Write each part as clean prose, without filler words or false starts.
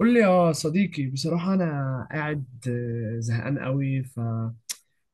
قول لي يا صديقي، بصراحة أنا قاعد زهقان قوي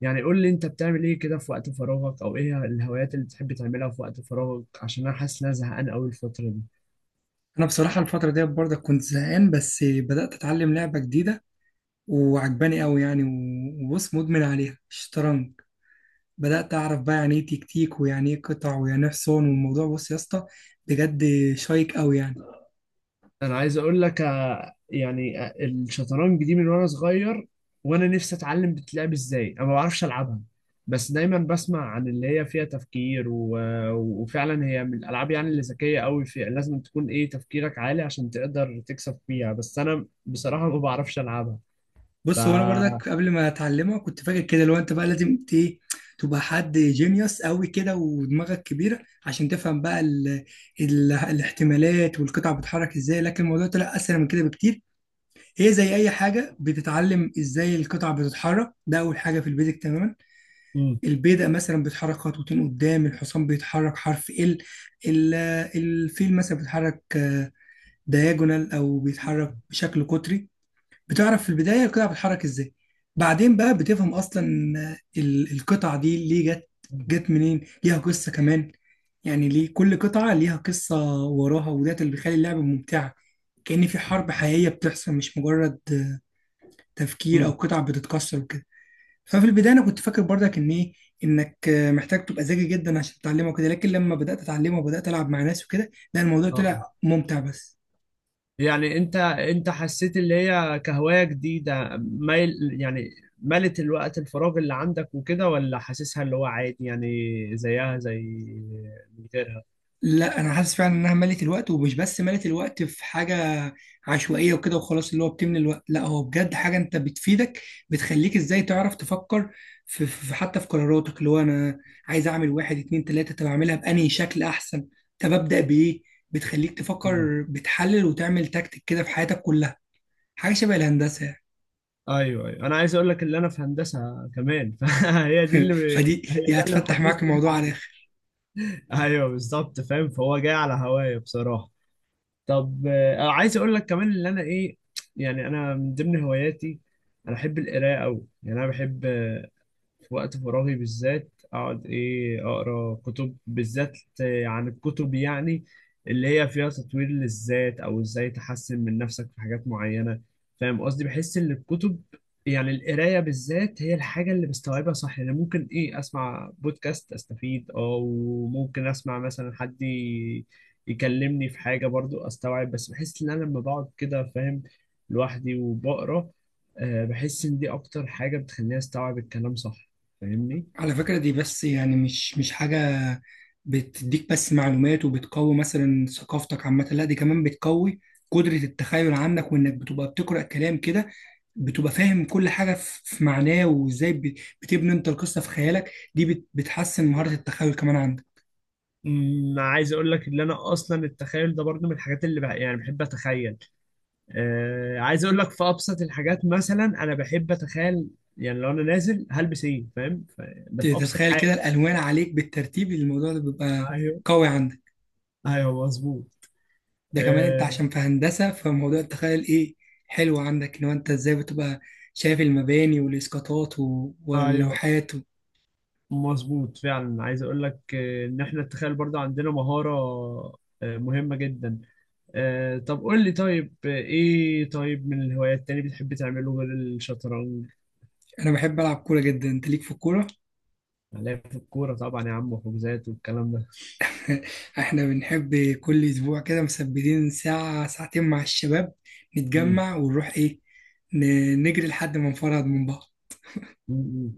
يعني قول لي، أنت بتعمل إيه كده في وقت فراغك؟ أو إيه الهوايات اللي بتحب تعملها في وقت فراغك؟ عشان أنا حاسس إن أنا زهقان قوي الفترة دي. انا بصراحه الفتره ديت برضه كنت زهقان، بس بدات اتعلم لعبه جديده وعجباني قوي يعني، و- وبص، مدمن عليها الشطرنج. بدات اعرف بقى يعني ايه تكتيك، ويعني ايه قطع، ويعني ايه حصان، والموضوع بص يا اسطى، بجد شيق قوي يعني. أنا عايز أقول لك يعني الشطرنج دي من وأنا صغير، وأنا نفسي أتعلم بتلعب إزاي. أنا ما بعرفش ألعبها، بس دايما بسمع عن اللي هي فيها تفكير وفعلا هي من الألعاب، يعني اللي ذكية قوي، فيها لازم تكون إيه تفكيرك عالي عشان تقدر تكسب فيها. بس أنا بصراحة ما بعرفش ألعبها. ف بص، هو انا برضك قبل ما اتعلمها كنت فاكر كده، لو انت بقى لازم ايه، تبقى حد جينيوس قوي كده ودماغك كبيره عشان تفهم بقى الاحتمالات والقطع بتتحرك ازاي، لكن الموضوع طلع اسهل من كده بكتير. هي زي اي حاجه، بتتعلم ازاي القطع بتتحرك، ده اول حاجه في البيزك تماما. امم. البيدق مثلا بتتحرك خطوتين قدام، الحصان بيتحرك حرف ال، ال- الفيل مثلا بيتحرك دياجونال او بيتحرك بشكل قطري. بتعرف في البدايه القطع بتتحرك ازاي، بعدين بقى بتفهم اصلا القطع دي ليه جت منين، ليها قصه كمان. يعني ليه كل قطعه ليها قصه وراها، وده اللي بيخلي اللعبه ممتعه، كأن في حرب حقيقيه بتحصل، مش مجرد تفكير او امم. قطع بتتكسر وكده. ففي البدايه انا كنت فاكر برضك ان ايه، انك محتاج تبقى ذكي جدا عشان تتعلمه وكده، لكن لما بدات اتعلمه وبدات العب مع ناس وكده، لا الموضوع اه آه. طلع ممتع بس. يعني انت حسيت اللي هي كهواية جديدة، يعني ملت الوقت الفراغ اللي عندك وكده، ولا حاسسها اللي هو عادي يعني؟ زيها زي من غيرها. لا، انا حاسس فعلا انها ملت الوقت، ومش بس ملت الوقت في حاجه عشوائيه وكده وخلاص اللي هو بتملى الوقت، لا هو بجد حاجه انت بتفيدك، بتخليك ازاي تعرف تفكر في حتى في قراراتك، اللي هو انا عايز اعمل واحد اتنين تلاته، طب اعملها بانهي شكل احسن، طب ابدا بايه، بتخليك تفكر مم. بتحلل وتعمل تكتيك كده في حياتك كلها. حاجه شبه الهندسه ايوه، ايوه، انا عايز اقول لك اللي انا في هندسة كمان. فهي دي يعني. اللي فدي هي دي ده اللي هتفتح معاك محمسني الموضوع العجب. ايوه بالظبط، فاهم؟ فهو جاي على هوايا بصراحة. طب، عايز اقول لك كمان اللي انا ايه. يعني انا من ضمن هواياتي، انا بحب القراءه قوي. يعني انا بحب وقت فراغي بالذات اقعد ايه اقرا كتب، بالذات عن الكتب يعني اللي هي فيها تطوير للذات او ازاي تحسن من نفسك في حاجات معينة. فاهم قصدي؟ بحس ان الكتب يعني القراية بالذات هي الحاجة اللي بستوعبها صح. يعني ممكن ايه اسمع بودكاست استفيد، او ممكن اسمع مثلا حد يكلمني في حاجة برضو استوعب. بس بحس ان انا لما بقعد كده فاهم لوحدي وبقرا، بحس ان دي اكتر حاجة بتخليني استوعب الكلام صح. فاهمني؟ على فكرة، دي بس يعني مش حاجة بتديك بس معلومات وبتقوي مثلا ثقافتك عامة، لا دي كمان بتقوي قدرة التخيل عندك، وإنك بتبقى بتقرأ كلام كده بتبقى فاهم كل حاجة في معناه، وإزاي بتبني أنت القصة في خيالك، دي بتحسن مهارة التخيل كمان عندك. عايز اقول لك ان انا اصلا التخيل ده برضه من الحاجات اللي يعني بحب اتخيل. عايز اقول لك في ابسط الحاجات، مثلا انا بحب اتخيل يعني لو انا نازل هلبس ايه، فاهم؟ ده في ابسط تتخيل حاجه. كده الألوان عليك بالترتيب، الموضوع ده بيبقى ايوه، قوي عندك، ايوه، مظبوط. ده كمان انت آه، عشان في هندسة، فموضوع التخيل ايه حلو عندك، ان هو انت ازاي بتبقى شايف المباني والاسقاطات ايوه، واللوحات مظبوط فعلا. عايز اقول لك ان احنا التخيل برضه عندنا مهاره مهمه جدا. طب قول لي، طيب ايه طيب من الهوايات تاني بتحب تعمله غير الشطرنج؟ انا بحب العب كورة جدا، انت ليك في الكورة. هنلاقي في الكورة طبعا يا عم، وحجوزات والكلام ده. احنا بنحب كل اسبوع كده مثبتين ساعة ساعتين مع الشباب، مم. نتجمع ونروح ايه، نجري لحد ما نفرهد من بعض. مم. مم.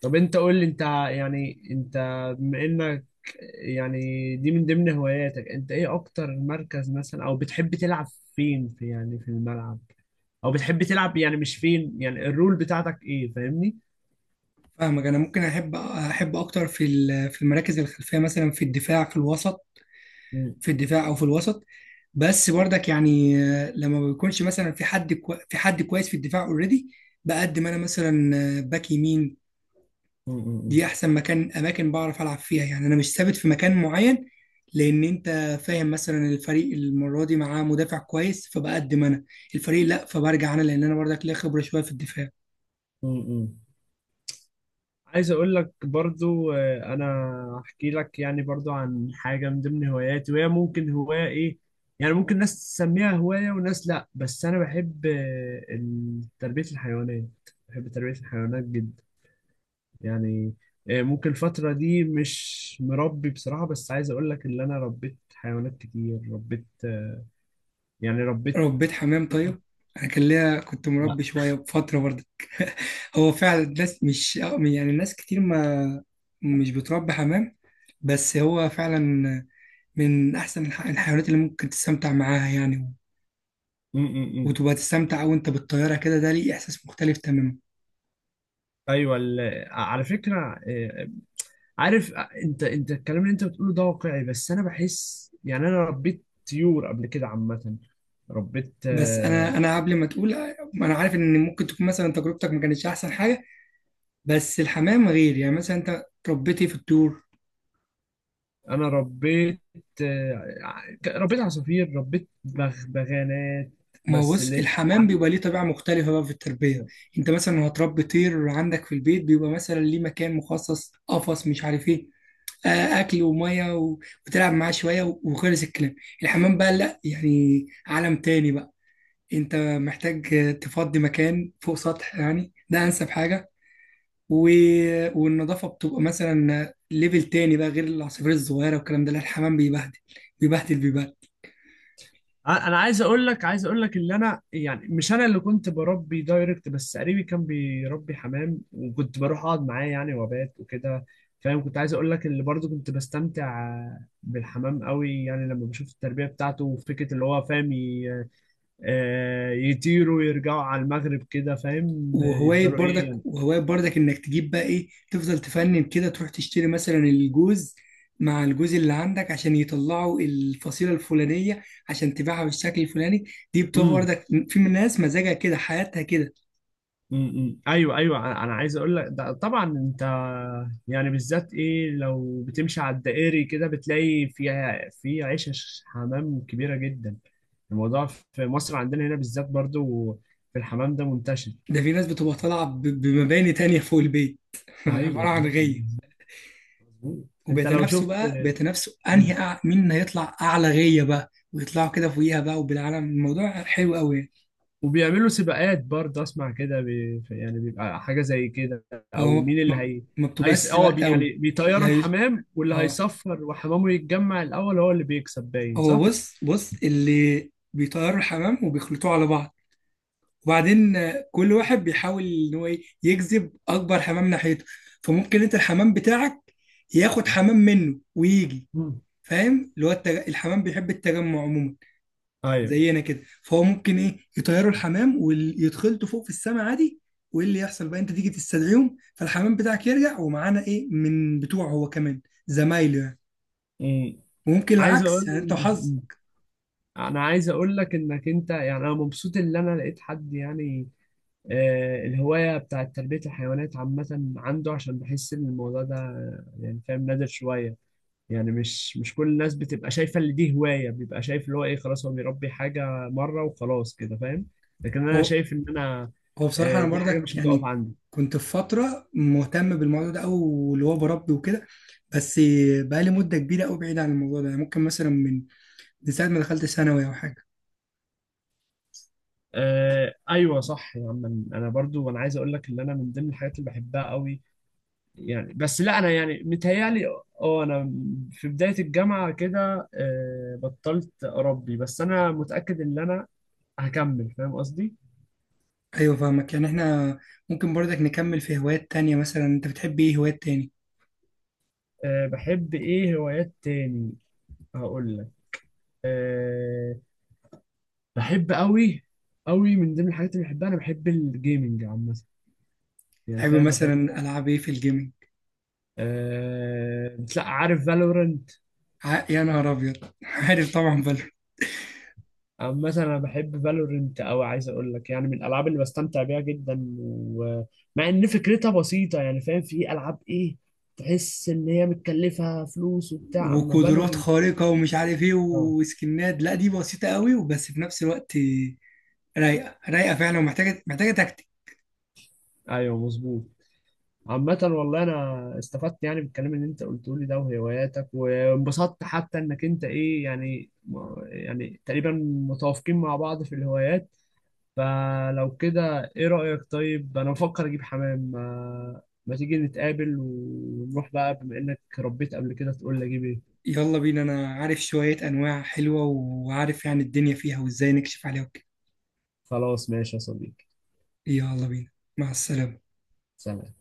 طب انت قول لي، انت يعني، انت بما انك، يعني دي من ضمن هواياتك، انت ايه اكتر مركز مثلا او بتحب تلعب فين، في يعني في الملعب؟ او بتحب تلعب يعني، مش فين يعني، الرول بتاعتك ايه، فاهمني؟ فاهمك، انا ممكن احب اكتر في في المراكز الخلفية، مثلا في الدفاع في الوسط، مم. في الدفاع او في الوسط، بس برضك يعني لما ما بيكونش مثلا في حد في حد كويس في الدفاع اوريدي، بقدم انا مثلا باك يمين. مم. مم. دي احسن مكان اماكن بعرف العب فيها يعني، انا مش ثابت في مكان معين، لان انت فاهم مثلا الفريق المره دي معاه مدافع كويس فبقدم انا، الفريق لا فبرجع انا، لان انا برضك ليا خبره شويه في الدفاع. مم. مم. عايز اقول لك برضو انا احكي لك يعني برضو عن حاجه من ضمن هواياتي، وهي ممكن هوايه ايه. يعني ممكن ناس تسميها هوايه وناس لا، بس انا بحب تربيه الحيوانات. بحب تربيه الحيوانات جدا يعني. ممكن الفتره دي مش مربي بصراحه، بس عايز اقول لك ان انا ربيت حيوانات كتير. ربيت يعني ربيت. ربيت حمام طيب، انا كان ليا كنت لا. مربي شويه بفتره برضك. هو فعلا الناس مش يعني الناس كتير ما مش بتربي حمام، بس هو فعلا من احسن الحيوانات اللي ممكن تستمتع معاها يعني، م -م -م. وتبقى تستمتع وانت بالطياره كده، ده ليه احساس مختلف تماما. ايوه، على فكره عارف انت الكلام اللي انت بتقوله ده واقعي، بس انا بحس يعني انا ربيت طيور قبل كده عامة. ربيت بس انا قبل ما تقول، انا عارف ان ممكن تكون مثلا تجربتك ما كانتش احسن حاجه، بس الحمام غير يعني، مثلا انت ربيتي في الطيور. انا ربيت ربيت عصافير، ربيت بغانات. ما هو بس اللي بص، هي الحمام بيبقى ليه طبيعة مختلفة بقى في التربية، انت مثلا لو هتربي طير عندك في البيت بيبقى مثلا ليه مكان مخصص قفص مش عارف ايه، اكل وميه و- وتلعب معاه شوية و- وخلص الكلام. الحمام بقى لا يعني عالم تاني بقى، انت محتاج تفضي مكان فوق سطح، يعني ده انسب حاجة و... والنظافة بتبقى مثلا ليفل تاني بقى، غير العصافير الصغيرة والكلام ده، لا الحمام بيبهدل بيبهدل بيبهدل. انا عايز اقول لك اللي انا يعني، مش انا اللي كنت بربي دايركت، بس قريبي كان بيربي حمام وكنت بروح اقعد معاه يعني وبات وكده، فاهم. كنت عايز اقول لك اللي برضه كنت بستمتع بالحمام قوي، يعني لما بشوف التربية بتاعته وفكرة اللي هو، فاهم؟ يطيروا ويرجعوا على المغرب كده، فاهم؟ وهواية يفضلوا برضك ايه وهواية برضك انك تجيب بقى ايه، تفضل تفنن كده، تروح تشتري مثلا الجوز مع الجوز اللي عندك عشان يطلعوا الفصيلة الفلانية، عشان تبيعها بالشكل الفلاني، دي بتبقى يعني. برضك في من ناس مزاجها كده حياتها كده. ايوه، ايوه، أنا عايز اقول لك ده طبعا. انت يعني بالذات ايه، لو بتمشي على الدائري كده بتلاقي فيها في عيشه حمام كبيره جدا. الموضوع في مصر عندنا هنا بالذات برضو، في الحمام ده منتشر. ده في ناس بتبقى طالعة بمباني تانية فوق البيت. ايوه، عبارة أيوة، عن غية، مظبوط. انت لو وبيتنافسوا شفت. بقى بيتنافسوا مم. انهي مين هيطلع اعلى غية بقى، ويطلعوا كده فوقيها بقى، وبالعالم الموضوع حلو قوي يعني. وبيعملوا سباقات برضه، اسمع كده. يعني بيبقى حاجه زي كده، هو او مين اللي هي. ما بتبقاش هيس، سباقات قوي. يعني بيطيروا لا، الحمام، واللي اه، هيصفر وحمامه يتجمع الاول هو اللي بيكسب، باين هو صح. بص بص اللي بيطيروا الحمام وبيخلطوه على بعض، وبعدين كل واحد بيحاول ان هو إيه، يجذب اكبر حمام ناحيته، فممكن انت الحمام بتاعك ياخد حمام منه ويجي، مم. فاهم اللي هو الحمام بيحب التجمع عموما ايوه. زينا كده، فهو ممكن ايه، يطيروا الحمام ويتخلطوا فوق في السماء عادي، وايه اللي يحصل بقى، انت تيجي تستدعيهم فالحمام بتاعك يرجع ومعانا ايه من بتوعه هو كمان، زمايله يعني، مم. وممكن عايز العكس اقول يعني انت وحظك. انا عايز اقول لك انك انت يعني، انا مبسوط ان انا لقيت حد يعني الهوايه بتاعت تربيه الحيوانات عامه عنده. عشان بحس ان الموضوع ده يعني فاهم نادر شويه. يعني مش كل الناس بتبقى شايفه ان دي هوايه، بيبقى شايف اللي هو ايه، خلاص هو بيربي حاجه مره وخلاص كده، فاهم. لكن انا شايف ان انا هو بصراحة أنا دي حاجه برضك مش هتقف يعني عندي. كنت في فترة مهتم بالموضوع ده، أو اللي هو بربي وكده، بس بقالي مدة كبيرة أوي بعيد عن الموضوع ده يعني، ممكن مثلا من ساعة ما دخلت ثانوي أو حاجة. آه، ايوه، صح يا عم. انا برضو انا عايز اقول لك ان انا من ضمن الحاجات اللي بحبها قوي يعني. بس لا، انا يعني متهيالي، اه انا في بداية الجامعة كده بطلت اربي. بس انا متأكد ان انا هكمل، فاهم قصدي. أيوة فاهمك، يعني إحنا ممكن برضك نكمل في هوايات تانية، مثلا أنت بتحب إيه هوايات تاني؟ بحب ايه هوايات تاني؟ هقول لك. أه بحب قوي قوي. من ضمن الحاجات اللي بحبها انا بحب الجيمنج عامة، يعني تحب فاهم، بحب. مثلا ألعاب إيه في الجيمنج؟ لا عارف Valorant. يا نهار أبيض، عارف طبعا بل عامة أنا بحب فالورنت أوي. عايز أقول لك يعني من الألعاب اللي بستمتع بيها جدا، ومع إن فكرتها بسيطة يعني فاهم، في ألعاب إيه تحس إن هي متكلفة فلوس وبتاع، أما وقدرات فالورنت. خارقة ومش عارف إيه أه، وسكنات، لا دي بسيطة أوي وبس، في نفس الوقت رايقة رايقة فعلا، ومحتاجة محتاجة. أيوه، مظبوط. عامة والله، أنا استفدت يعني بالكلام اللي أنت قلته لي ده وهواياتك، وانبسطت حتى إنك أنت إيه يعني تقريبا متوافقين مع بعض في الهوايات. فلو كده ايه رأيك؟ طيب انا بفكر اجيب حمام، ما تيجي نتقابل ونروح بقى، بما انك ربيت قبل كده تقول لي اجيب ايه. يلا بينا، انا عارف شوية انواع حلوة وعارف يعني الدنيا فيها وازاي نكشف عليها وكده. خلاص ماشي يا صديقي. يلا بينا، مع السلامة. سلام.